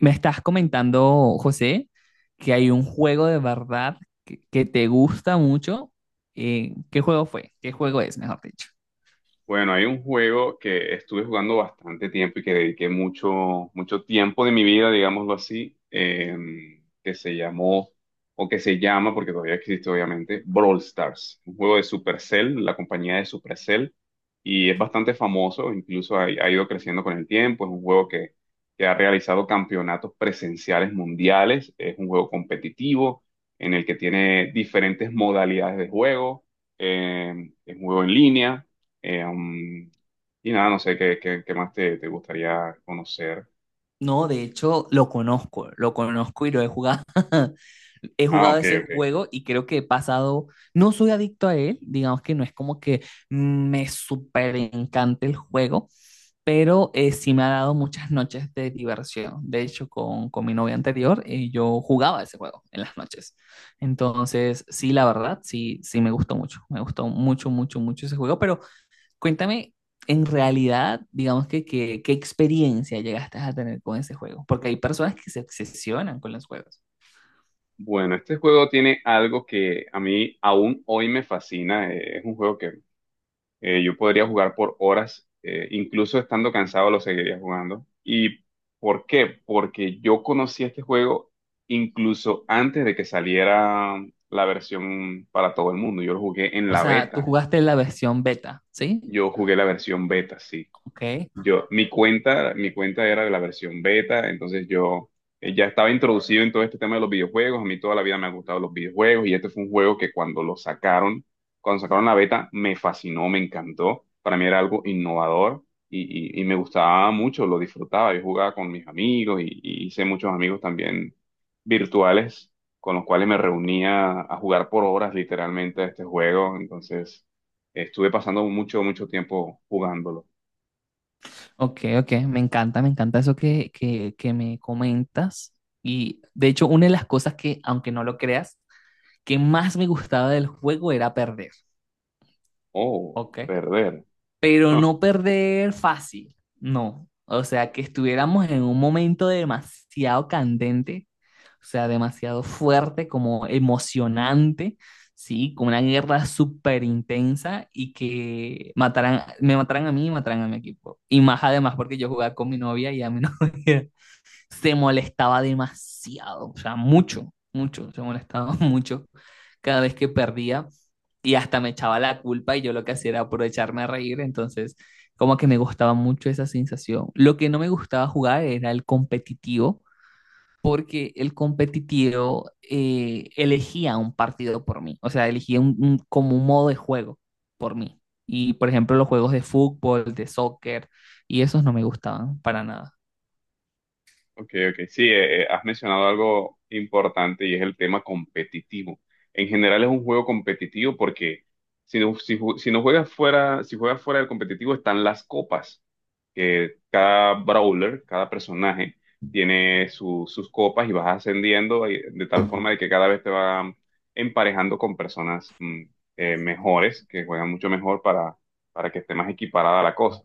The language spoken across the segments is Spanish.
Me estás comentando, José, que hay un juego de verdad que te gusta mucho. ¿Qué juego fue? ¿Qué juego es, mejor dicho? Bueno, hay un juego que estuve jugando bastante tiempo y que dediqué mucho, mucho tiempo de mi vida, digámoslo así, que se llamó, o que se llama, porque todavía existe obviamente, Brawl Stars, un juego de Supercell, la compañía de Supercell, y es bastante famoso, incluso ha ido creciendo con el tiempo, es un juego que ha realizado campeonatos presenciales mundiales, es un juego competitivo en el que tiene diferentes modalidades de juego, es un juego en línea eh, um, y nada, no sé qué más te gustaría conocer. No, de hecho, lo conozco y lo he jugado. He Ah, jugado ok, ese ok. juego y creo que he pasado, no soy adicto a él, digamos que no es como que me súper encanta el juego, pero sí me ha dado muchas noches de diversión. De hecho, con mi novia anterior, yo jugaba ese juego en las noches. Entonces, sí, la verdad, sí me gustó mucho, mucho, mucho ese juego, pero cuéntame, en realidad, digamos qué experiencia llegaste a tener con ese juego, porque hay personas que se obsesionan con los juegos. Bueno, este juego tiene algo que a mí aún hoy me fascina. Es un juego que yo podría jugar por horas, incluso estando cansado lo seguiría jugando. ¿Y por qué? Porque yo conocí este juego incluso antes de que saliera la versión para todo el mundo. Yo lo jugué en O la sea, tú beta. jugaste la versión beta, ¿sí? Yo jugué la versión beta, sí. Ok, Yo, mi cuenta era de la versión beta, entonces yo ya estaba introducido en todo este tema de los videojuegos. A mí toda la vida me han gustado los videojuegos y este fue un juego que cuando lo sacaron, cuando sacaron la beta, me fascinó, me encantó. Para mí era algo innovador y me gustaba mucho, lo disfrutaba. Yo jugaba con mis amigos y hice muchos amigos también virtuales con los cuales me reunía a jugar por horas literalmente a este juego. Entonces, estuve pasando mucho, mucho tiempo jugándolo. ok, ok, me encanta eso que me comentas. Y de hecho, una de las cosas que, aunque no lo creas, que más me gustaba del juego era perder, Oh, ¿ok? perder. Pero no perder fácil, no. O sea, que estuviéramos en un momento demasiado candente, o sea, demasiado fuerte, como emocionante, ¿sí? Como una guerra súper intensa y que mataran, me mataran a mí y mataran a mi equipo. Y más además porque yo jugaba con mi novia y a mi novia se molestaba demasiado, o sea, mucho, mucho, se molestaba mucho cada vez que perdía y hasta me echaba la culpa y yo lo que hacía era aprovecharme a reír, entonces como que me gustaba mucho esa sensación. Lo que no me gustaba jugar era el competitivo, porque el competitivo elegía un partido por mí, o sea, elegía como un modo de juego por mí. Y por ejemplo, los juegos de fútbol, de soccer, y esos no me gustaban para nada. Ok, ok. Sí, has mencionado algo importante y es el tema competitivo. En general es un juego competitivo porque si no, si no juegas fuera, si juegas fuera del competitivo están las copas, que cada brawler, cada personaje sus copas y vas ascendiendo y de tal forma de que cada vez te van emparejando con personas mejores, que juegan mucho mejor para que esté más equiparada la cosa.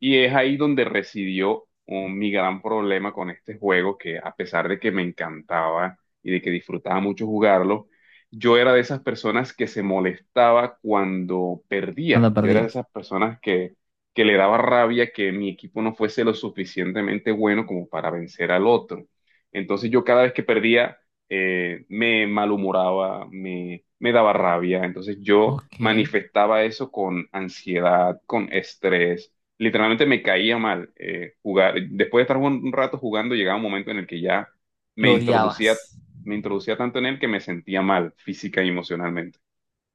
Y es ahí donde residió mi gran problema con este juego, que a pesar de que me encantaba y de que disfrutaba mucho jugarlo, yo era de esas personas que se molestaba cuando perdía. Cuando Yo era de perdías. esas personas que le daba rabia que mi equipo no fuese lo suficientemente bueno como para vencer al otro. Entonces yo cada vez que perdía me malhumoraba, me daba rabia. Entonces yo Ok, manifestaba eso con ansiedad, con estrés, literalmente me caía mal jugar. Después de estar un rato jugando, llegaba un momento en el que ya me lo introducía, odiabas. me introducía tanto en él que me sentía mal física y emocionalmente,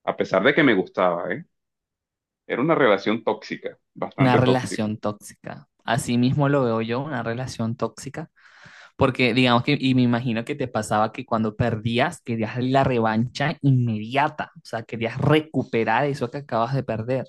a pesar de que me gustaba, ¿eh? Era una relación tóxica, Una bastante tóxica. relación tóxica. Así mismo lo veo yo, una relación tóxica. Porque digamos que, y me imagino que te pasaba que cuando perdías, querías la revancha inmediata, o sea, querías recuperar eso que acabas de perder.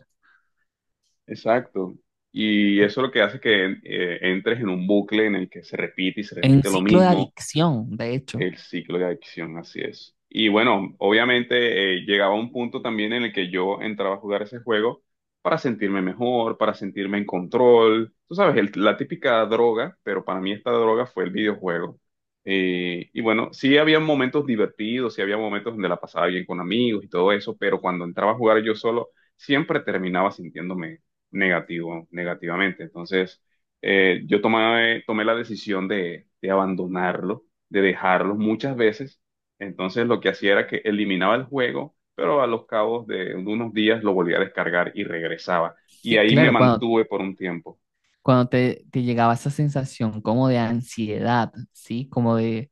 Exacto. Y eso es lo que hace que entres en un bucle en el que se repite y se En un repite lo ciclo de mismo. adicción, de hecho. El ciclo de adicción, así es. Y bueno, obviamente llegaba un punto también en el que yo entraba a jugar ese juego para sentirme mejor, para sentirme en control. Tú sabes, la típica droga, pero para mí esta droga fue el videojuego. Y bueno, sí había momentos divertidos, sí había momentos donde la pasaba bien con amigos y todo eso, pero cuando entraba a jugar yo solo, siempre terminaba sintiéndome negativo, negativamente. Entonces, yo tomé la decisión de abandonarlo, de dejarlos muchas veces. Entonces lo que hacía era que eliminaba el juego, pero a los cabos de unos días lo volvía a descargar y regresaba. Y Sí, ahí me claro, cuando, mantuve por un tiempo. cuando te llegaba esa sensación como de ansiedad, ¿sí? Como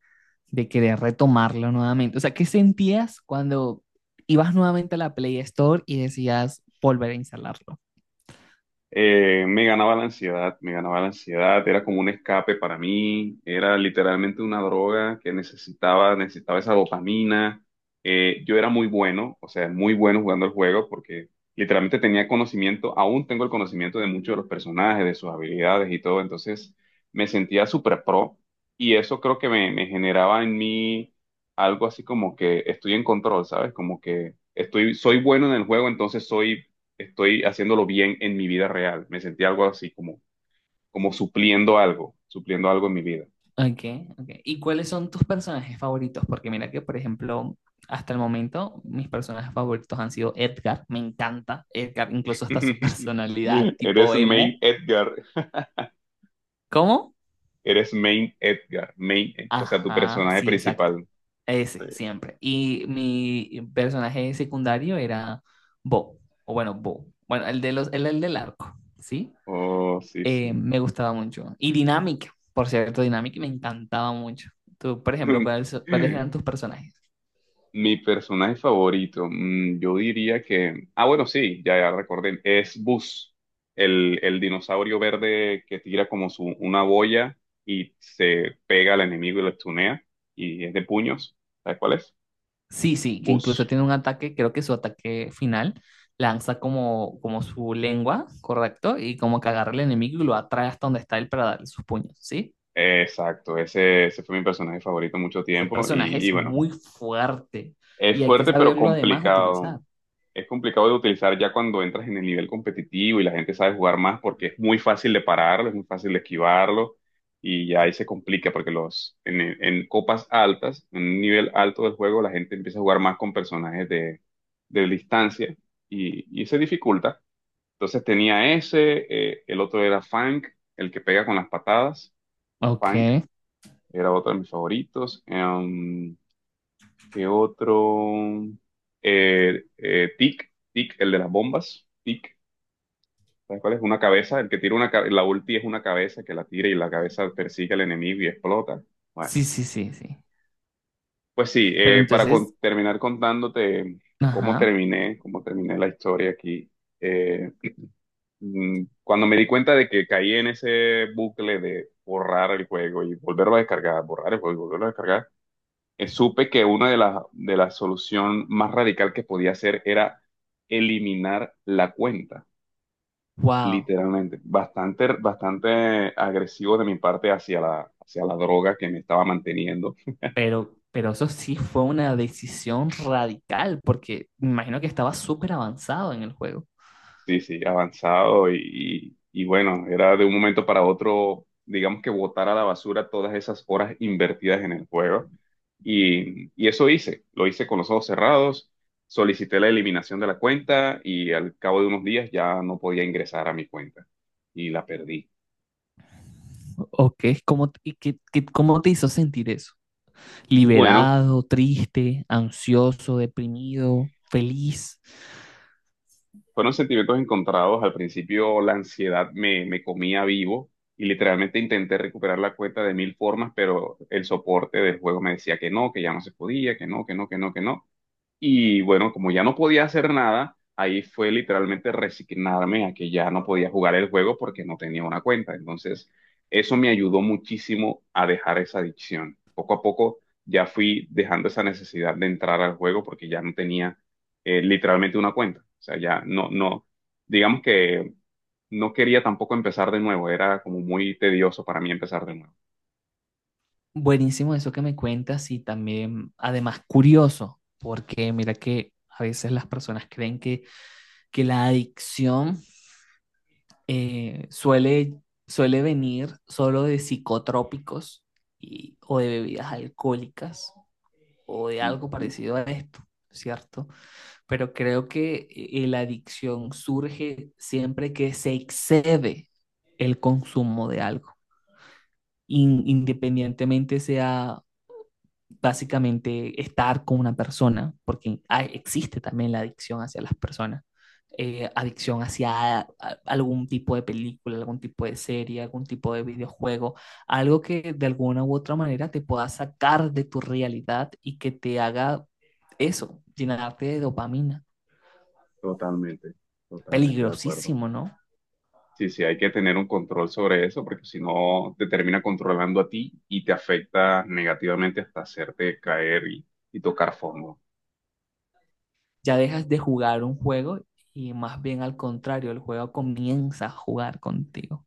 de querer retomarlo nuevamente. O sea, ¿qué sentías cuando ibas nuevamente a la Play Store y decías volver a instalarlo? Me ganaba la ansiedad, me ganaba la ansiedad, era como un escape para mí, era literalmente una droga que necesitaba, necesitaba esa dopamina. Yo era muy bueno, o sea, muy bueno jugando el juego porque literalmente tenía conocimiento, aún tengo el conocimiento de muchos de los personajes, de sus habilidades y todo, entonces me sentía súper pro y eso creo que me generaba en mí algo así como que estoy en control, ¿sabes? Como que estoy, soy bueno en el juego, entonces soy, estoy haciéndolo bien en mi vida real. Me sentí algo así, como, como supliendo algo en mi vida. Okay, okay. ¿Y cuáles son tus personajes favoritos? Porque mira que, por ejemplo, hasta el momento mis personajes favoritos han sido Edgar, me encanta Edgar, incluso hasta su personalidad Eres tipo Main emo. Edgar, ¿Cómo? eres Main Edgar, Main, o sea, tu Ajá, personaje sí, exacto. principal. Ese, Sí. siempre. Y mi personaje secundario era Bo, o bueno, Bo. Bueno, el de los, el del arco, ¿sí? Oh, sí, sí. Me gustaba mucho. Y Dynamic, por cierto, Dynamic me encantaba mucho. Tú, por ejemplo, ¿cuáles eran tus personajes? Mi personaje favorito, mm, yo diría que... Ah, bueno, sí, ya recordé. Es Buzz, el dinosaurio verde que tira como su, una boya y se pega al enemigo y lo estunea. Y es de puños. ¿Sabes cuál es? Sí, sí, que Buzz. incluso tiene un ataque, creo que su ataque final lanza como, como su lengua, ¿correcto? Y como que agarra al enemigo y lo atrae hasta donde está él para darle sus puños, ¿sí? Exacto, ese fue mi personaje favorito mucho Ese tiempo. personaje Y es bueno, muy fuerte es y hay que fuerte pero saberlo además complicado. utilizar. Es complicado de utilizar ya cuando entras en el nivel competitivo y la gente sabe jugar más porque es muy fácil de pararlo, es muy fácil de esquivarlo y ya ahí se complica porque en copas altas, en un nivel alto del juego, la gente empieza a jugar más con personajes de distancia y se dificulta. Entonces tenía ese, el otro era Funk, el que pega con las patadas, Ok, Funk era otro de mis favoritos. ¿Qué otro? Tic, Tic, el de las bombas. Tic, ¿sabes cuál es? Una cabeza, el que tira una cabeza, la ulti es una cabeza que la tira y la cabeza persigue al enemigo y explota. Bueno, sí, sí, sí, sí. pues sí, Pero para entonces, terminar contándote ajá, cómo terminé la historia aquí. eh, Cuando me di cuenta de que caí en ese bucle de borrar el juego y volverlo a descargar, borrar el juego y volverlo a descargar, supe que una de las de la solución más radical que podía hacer era eliminar la cuenta, wow, literalmente. Bastante, bastante agresivo de mi parte hacia hacia la droga que me estaba manteniendo. Pero eso sí fue una decisión radical porque me imagino que estaba súper avanzado en el juego. Sí, sí, avanzado y bueno, era de un momento para otro, digamos que botar a la basura todas esas horas invertidas en el juego. Y eso hice, lo hice con los ojos cerrados, solicité la eliminación de la cuenta y al cabo de unos días ya no podía ingresar a mi cuenta y la perdí. Ok, ¿cómo, y qué, cómo te hizo sentir eso? Bueno, Liberado, triste, ansioso, deprimido, feliz. fueron sentimientos encontrados. Al principio la ansiedad me comía vivo y literalmente intenté recuperar la cuenta de mil formas, pero el soporte del juego me decía que no, que ya no se podía, que no, que no, que no, que no. Y bueno, como ya no podía hacer nada, ahí fue literalmente resignarme a que ya no podía jugar el juego porque no tenía una cuenta. Entonces, eso me ayudó muchísimo a dejar esa adicción. Poco a poco ya fui dejando esa necesidad de entrar al juego porque ya no tenía literalmente una cuenta. O sea, ya no, no, digamos que no quería tampoco empezar de nuevo. Era como muy tedioso para mí empezar de nuevo. Buenísimo eso que me cuentas y también, además, curioso, porque mira que a veces las personas creen que la adicción suele, suele venir solo de psicotrópicos y, o de bebidas alcohólicas o de algo Ujú, parecido a esto, ¿cierto? Pero creo que la adicción surge siempre que se excede el consumo de algo, in- independientemente sea básicamente estar con una persona, porque hay- existe también la adicción hacia las personas, adicción hacia a- algún tipo de película, algún tipo de serie, algún tipo de videojuego, algo que de alguna u otra manera te pueda sacar de tu realidad y que te haga eso, llenarte de dopamina. totalmente, totalmente de acuerdo. Peligrosísimo, ¿no? Sí, sí, hay que tener un control sobre eso porque si no te termina controlando a ti y te afecta negativamente hasta hacerte caer y tocar fondo. Ya dejas de jugar un juego y más bien al contrario, el juego comienza a jugar contigo.